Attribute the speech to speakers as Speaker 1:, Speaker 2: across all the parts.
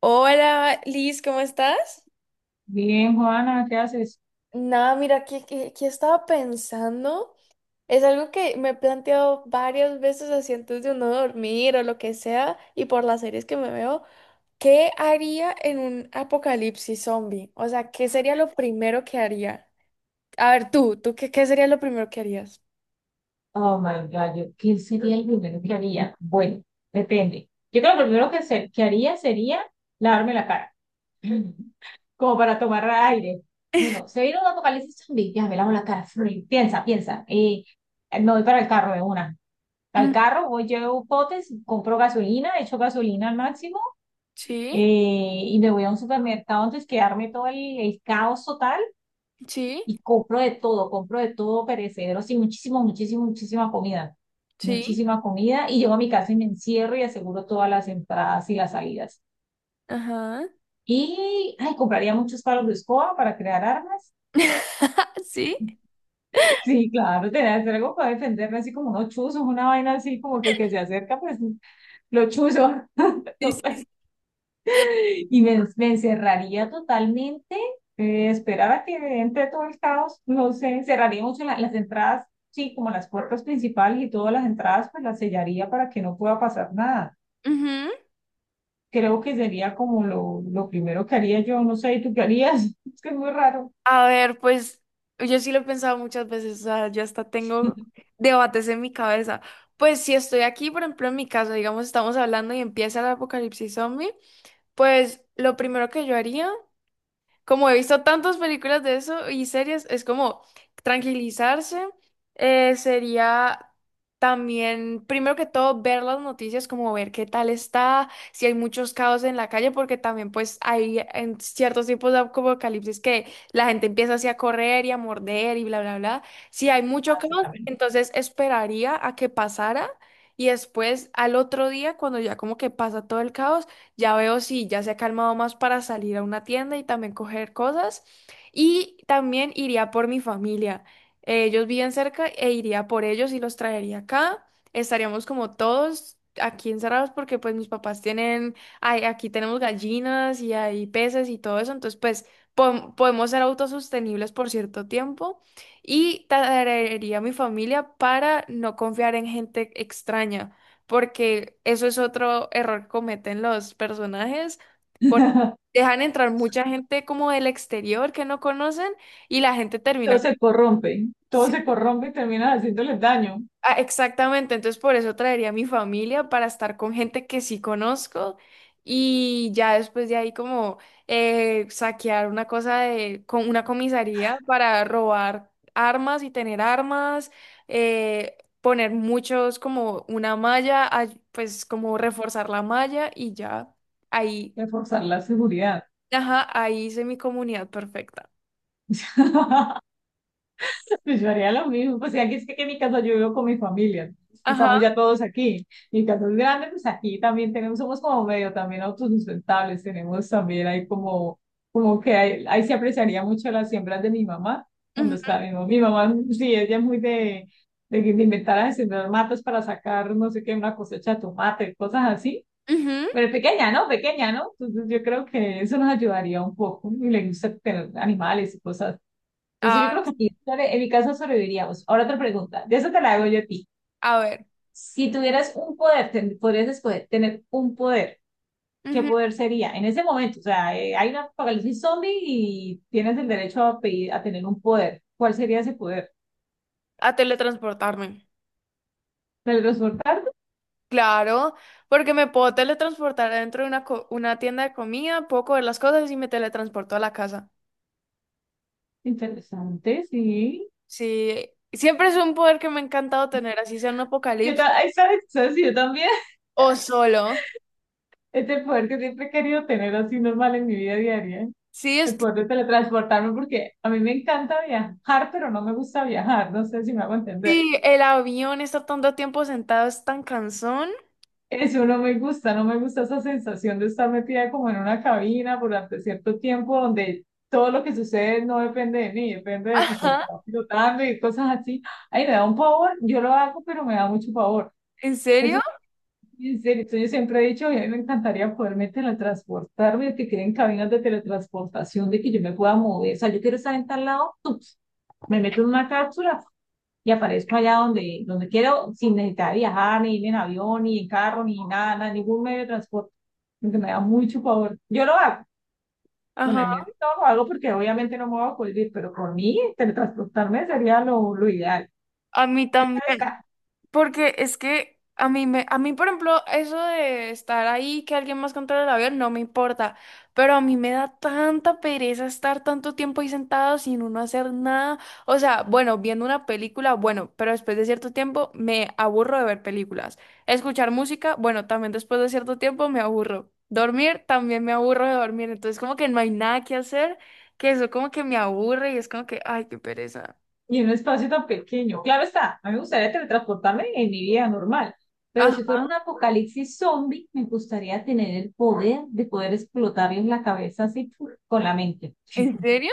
Speaker 1: Hola, Liz, ¿cómo estás?
Speaker 2: Bien, Juana, ¿qué haces?
Speaker 1: Nada, mira, que estaba pensando. Es algo que me he planteado varias veces así antes de uno dormir o lo que sea, y por las series que me veo, ¿qué haría en un apocalipsis zombie? O sea, ¿qué sería lo primero que haría? A ver, tú, ¿tú qué sería lo primero que harías?
Speaker 2: Oh my God, yo, ¿qué sería el primero que haría? Bueno, depende. Yo creo que lo primero que haría sería lavarme la cara, como para tomar aire. Bueno, se viene un apocalipsis zombie, ya me lavo la cara. Piensa, piensa. Me voy para el carro de una. Al
Speaker 1: Mm,
Speaker 2: carro voy, llevo potes, compro gasolina, echo gasolina al máximo
Speaker 1: sí,
Speaker 2: eh, y me voy a un supermercado antes de quedarme todo el caos total
Speaker 1: sí,
Speaker 2: y compro de todo perecedero, sí, muchísimo, muchísimo,
Speaker 1: sí,
Speaker 2: muchísima comida, y llego a mi casa y me encierro y aseguro todas las entradas y las salidas.
Speaker 1: ajá.
Speaker 2: Y, ay, compraría muchos palos de escoba para crear armas.
Speaker 1: Sí,
Speaker 2: Sí, claro, tener que hacer algo para defenderme, así como unos chuzos, una vaina así, como que el que se acerca, pues lo chuzo.
Speaker 1: sí,
Speaker 2: Y me encerraría totalmente, esperar a que entre todo el caos, no sé, cerraría mucho las entradas, sí, como las puertas principales y todas las entradas, pues las sellaría para que no pueda pasar nada.
Speaker 1: sí.
Speaker 2: Creo que sería como lo primero que haría yo, no sé, ¿y tú qué harías? Es que es muy raro.
Speaker 1: A ver, pues yo sí lo he pensado muchas veces, o sea, yo hasta tengo debates en mi cabeza. Pues si estoy aquí, por ejemplo, en mi caso, digamos, estamos hablando y empieza el apocalipsis zombie, pues lo primero que yo haría, como he visto tantas películas de eso y series, es como tranquilizarse. Sería también, primero que todo, ver las noticias, como ver qué tal está, si hay muchos caos en la calle, porque también pues hay en ciertos tipos de apocalipsis que la gente empieza así a correr y a morder y bla, bla, bla. Si hay mucho
Speaker 2: Ah, sí,
Speaker 1: caos,
Speaker 2: también.
Speaker 1: entonces esperaría a que pasara. Y después, al otro día, cuando ya como que pasa todo el caos, ya veo si ya se ha calmado más para salir a una tienda y también coger cosas. Y también iría por mi familia. Ellos viven cerca e iría por ellos y los traería acá. Estaríamos como todos aquí encerrados porque pues mis papás tienen, ay, aquí tenemos gallinas y hay peces y todo eso. Entonces pues podemos ser autosostenibles por cierto tiempo. Y traería a mi familia para no confiar en gente extraña, porque eso es otro error que cometen los personajes, porque dejan entrar mucha gente como del exterior que no conocen y la gente termina.
Speaker 2: Todo se corrompe y terminan haciéndoles daño,
Speaker 1: Ah, exactamente, entonces por eso traería a mi familia para estar con gente que sí conozco, y ya después de ahí como saquear una cosa de con una comisaría para robar armas y tener armas, poner muchos como una malla, pues como reforzar la malla y ya ahí,
Speaker 2: reforzar la seguridad.
Speaker 1: ajá, ahí hice mi comunidad perfecta.
Speaker 2: Pues yo haría lo mismo, o sea, que es que en mi casa yo vivo con mi familia, pues,
Speaker 1: Ajá,
Speaker 2: estamos ya todos aquí, mi casa es grande, pues aquí también tenemos, somos como medio también autosustentables, tenemos también ahí como, como que ahí, ahí se apreciaría mucho las siembras de mi mamá, cuando
Speaker 1: ujú,
Speaker 2: está mi mamá, sí, ella es muy de, de inventar de sembrar matas para sacar, no sé qué, una cosecha de tomate, cosas así,
Speaker 1: ujú.
Speaker 2: pero pequeña, ¿no? Pequeña, ¿no? Entonces yo creo que eso nos ayudaría un poco, y le gusta tener animales y cosas entonces
Speaker 1: Ah,
Speaker 2: yo creo que aquí, en mi caso sobreviviríamos. Ahora otra pregunta, de eso te la hago yo a ti.
Speaker 1: a ver,
Speaker 2: Si tuvieras un poder, podrías escoger tener un poder, ¿qué
Speaker 1: ujú,
Speaker 2: poder sería? En ese momento, o sea, hay una apocalipsis zombie y tienes el derecho a pedir, a tener un poder. ¿Cuál sería ese poder?
Speaker 1: a teletransportarme.
Speaker 2: ¿Teletransportarte?
Speaker 1: Claro, porque me puedo teletransportar dentro de una, una tienda de comida, puedo coger las cosas y me teletransporto a la casa.
Speaker 2: Interesante, sí.
Speaker 1: Sí, siempre es un poder que me ha encantado tener, así sea en un apocalipsis
Speaker 2: Ay, ¿sabes? ¿Sabes? Yo también.
Speaker 1: o solo.
Speaker 2: Es el poder que siempre he querido tener así normal en mi vida diaria.
Speaker 1: Sí, es
Speaker 2: El
Speaker 1: que
Speaker 2: poder de teletransportarme porque a mí me encanta viajar, pero no me gusta viajar, no sé si me hago entender.
Speaker 1: sí, el avión estar tanto tiempo sentado es tan cansón.
Speaker 2: Eso no me gusta, no me gusta esa sensación de estar metida como en una cabina durante cierto tiempo donde todo lo que sucede no depende de mí, depende de pues, el
Speaker 1: Ajá,
Speaker 2: que va pilotando y cosas así. Ahí me da un pavor, yo lo hago, pero me da mucho pavor.
Speaker 1: ¿en serio?
Speaker 2: Entonces, en serio, entonces yo siempre he dicho, "Oye, a mí me encantaría poderme teletransportarme, que queden cabinas de teletransportación, de que yo me pueda mover. O sea, yo quiero estar en tal lado, ¡tups! Me meto en una cápsula y aparezco allá donde, donde quiero sin necesitar viajar, ni ir en avión, ni en carro, ni nada, nada, ningún medio de transporte, porque me da mucho pavor. Yo lo hago, con el
Speaker 1: Ajá,
Speaker 2: miedo y todo lo hago porque obviamente no me voy a cohibir, pero con mí teletransportarme sería lo ideal.
Speaker 1: a mí
Speaker 2: Claro
Speaker 1: también.
Speaker 2: está,
Speaker 1: Porque es que a mí, por ejemplo, eso de estar ahí, que alguien más controle el avión, no me importa. Pero a mí me da tanta pereza estar tanto tiempo ahí sentado sin uno hacer nada. O sea, bueno, viendo una película, bueno, pero después de cierto tiempo me aburro de ver películas. Escuchar música, bueno, también después de cierto tiempo me aburro. Dormir, también me aburro de dormir. Entonces, como que no hay nada que hacer, que eso como que me aburre y es como que, ay, qué pereza.
Speaker 2: y en un espacio tan pequeño. Claro está, a mí me gustaría teletransportarme en mi vida normal. Pero si
Speaker 1: Ah,
Speaker 2: fuera un apocalipsis zombie, me gustaría tener el poder de poder explotarles la cabeza así ¡puf! Con la mente.
Speaker 1: ¿en serio?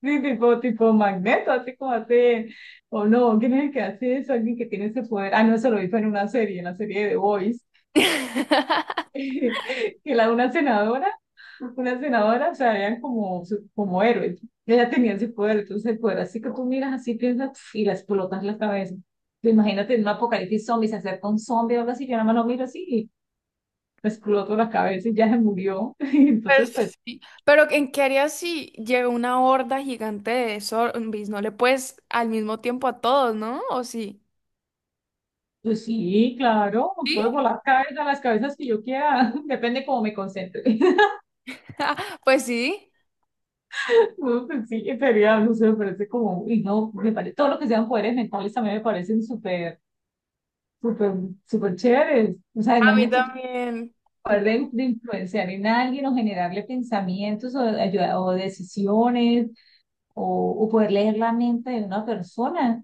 Speaker 2: Sí, tipo Magneto, así como hace, o no, ¿quién es el que hace eso? Alguien que tiene ese poder. Ah, no, eso lo hizo en una serie, en la serie de The Voice, que la, una senadora, una senadora, o sea, eran como, como héroes. Ella tenía ese poder, entonces el poder, así que tú miras así, piensas pf, y la explotas la cabeza. Te imagínate en un apocalipsis zombie, se acerca un zombie o algo así, yo nada más lo miro así y le exploto la cabeza y ya se murió.
Speaker 1: Pues
Speaker 2: Entonces, pues,
Speaker 1: sí, pero ¿en qué harías si llega una horda gigante de zombies? No le puedes al mismo tiempo a todos, ¿no? ¿O sí?
Speaker 2: pues sí, claro,
Speaker 1: ¿Sí?
Speaker 2: puedo volar cabezas, las cabezas que yo quiera, depende cómo me concentre.
Speaker 1: Pues sí,
Speaker 2: No, pues sí, sería, no sé, me parece como, y no, me parece, todo lo que sean poderes mentales también me parecen súper, súper, súper chéveres. O sea,
Speaker 1: a mí
Speaker 2: imagínate tu
Speaker 1: también.
Speaker 2: poder de influenciar en alguien o generarle pensamientos o, o decisiones o, o poder leer la mente de una persona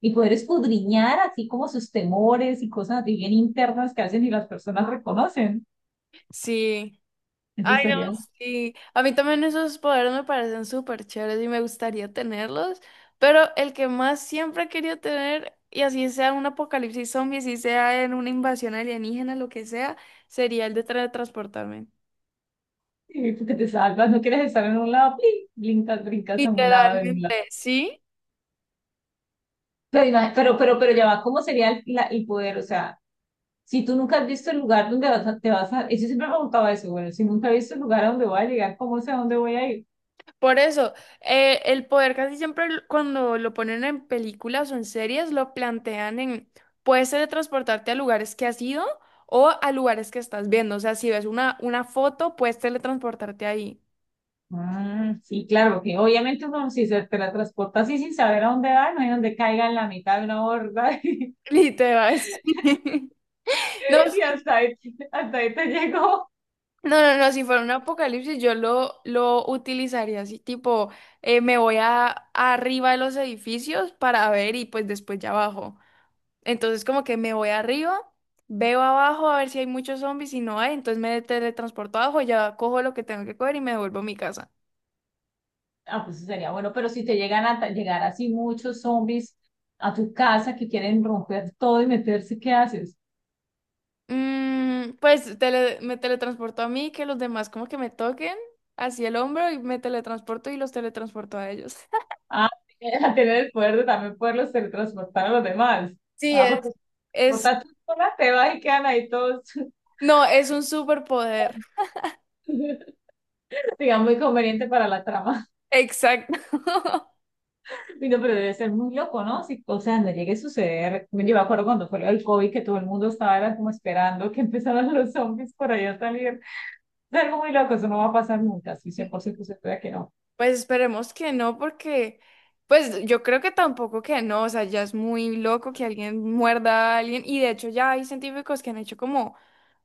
Speaker 2: y poder escudriñar así como sus temores y cosas así bien internas que hacen y las personas reconocen.
Speaker 1: Sí.
Speaker 2: Eso
Speaker 1: Ay, no,
Speaker 2: sería
Speaker 1: sí. A mí también esos poderes me parecen súper chéveres y me gustaría tenerlos, pero el que más siempre he querido tener, y así sea un apocalipsis zombie, así sea en una invasión alienígena, lo que sea, sería el de teletransportarme.
Speaker 2: sí, porque te salvas, no quieres estar en un lado, ¡plin! Brincas, brincas a un lado, de un lado.
Speaker 1: Literalmente, sí.
Speaker 2: Pero ya va, ¿cómo sería el poder? O sea, si tú nunca has visto el lugar donde te vas a... Yo siempre me preguntaba eso, bueno, si nunca he visto el lugar a donde voy a llegar, ¿cómo sé a dónde voy a ir?
Speaker 1: Por eso, el poder casi siempre cuando lo ponen en películas o en series, lo plantean en, puedes teletransportarte a lugares que has ido o a lugares que estás viendo. O sea, si ves una foto, puedes teletransportarte ahí.
Speaker 2: Mm, sí, claro, que obviamente uno si se teletransporta así sin saber a dónde va, no hay donde caiga en la mitad de una borda.
Speaker 1: Y te vas. No, s-
Speaker 2: Y hasta ahí te llegó.
Speaker 1: no, si fuera un apocalipsis, yo lo utilizaría así, tipo, me voy a, arriba de los edificios para ver y pues después ya abajo. Entonces como que me voy arriba, veo abajo a ver si hay muchos zombies, y no hay, entonces me teletransporto abajo, ya cojo lo que tengo que coger y me devuelvo a mi casa.
Speaker 2: Ah, pues sería bueno, pero si te llegan a llegar así muchos zombies a tu casa que quieren romper todo y meterse, ¿qué haces?
Speaker 1: Mm, pues me teletransporto a mí, que los demás como que me toquen hacia el hombro y me teletransporto y los teletransporto a ellos.
Speaker 2: Ah, a tener el poder de también poderlos teletransportar a los demás.
Speaker 1: Sí,
Speaker 2: Ah,
Speaker 1: es.
Speaker 2: porque si
Speaker 1: Es,
Speaker 2: transportas tú sola, te vas y quedan ahí todos,
Speaker 1: no, es un superpoder.
Speaker 2: digamos, muy conveniente para la trama.
Speaker 1: Exacto.
Speaker 2: Y no, pero debe ser muy loco, ¿no? Si, o sea, no llegue a suceder. Yo me acuerdo cuando fue el COVID que todo el mundo estaba era como esperando que empezaran los zombies por allá a salir. Es algo muy loco, eso no va a pasar nunca, sí, 100% se puede que no.
Speaker 1: Pues esperemos que no, porque pues yo creo que tampoco que no, o sea, ya es muy loco que alguien muerda a alguien y de hecho ya hay científicos que han hecho como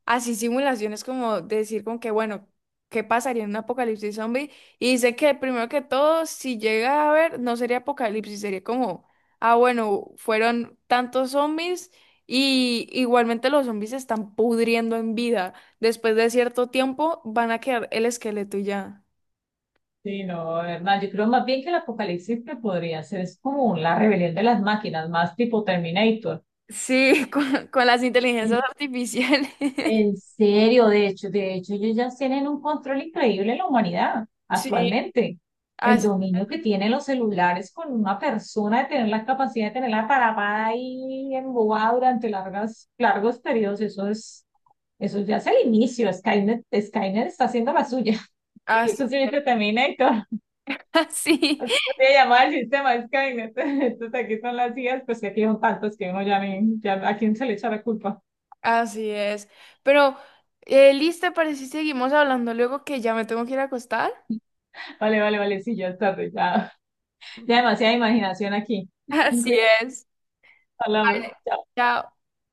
Speaker 1: así simulaciones como decir con que bueno, ¿qué pasaría en un apocalipsis zombie? Y dice que primero que todo, si llega a haber, no sería apocalipsis, sería como, ah, bueno, fueron tantos zombies y igualmente los zombies se están pudriendo en vida. Después de cierto tiempo van a quedar el esqueleto y ya.
Speaker 2: Sí, no, Hernán, yo creo más bien que el apocalipsis que podría ser es como la rebelión de las máquinas, más tipo Terminator.
Speaker 1: Sí, con las inteligencias
Speaker 2: En,
Speaker 1: artificiales.
Speaker 2: en serio, de hecho, ellos ya tienen un control increíble en la humanidad
Speaker 1: Sí,
Speaker 2: actualmente. El
Speaker 1: así,
Speaker 2: dominio que tienen los celulares con una persona de tener la capacidad de tenerla parada ahí embobada durante largos periodos, eso es, eso ya es el inicio. Skynet, Skynet está haciendo la suya.
Speaker 1: así,
Speaker 2: Entonces, viste, Terminator.
Speaker 1: así,
Speaker 2: Voy a llamar al sistema Skynet. Entonces aquí son las sillas, pues que aquí son tantos que uno ya ni, ya a quién se le echa la culpa.
Speaker 1: así es. Pero, ¿lista? Parece que seguimos hablando luego que ya me tengo que ir a acostar.
Speaker 2: Vale, vale, vale, sí, ya está, ya, ya demasiada imaginación aquí.
Speaker 1: Así
Speaker 2: Cuídate,
Speaker 1: es.
Speaker 2: hablamos. Chao.
Speaker 1: Chao.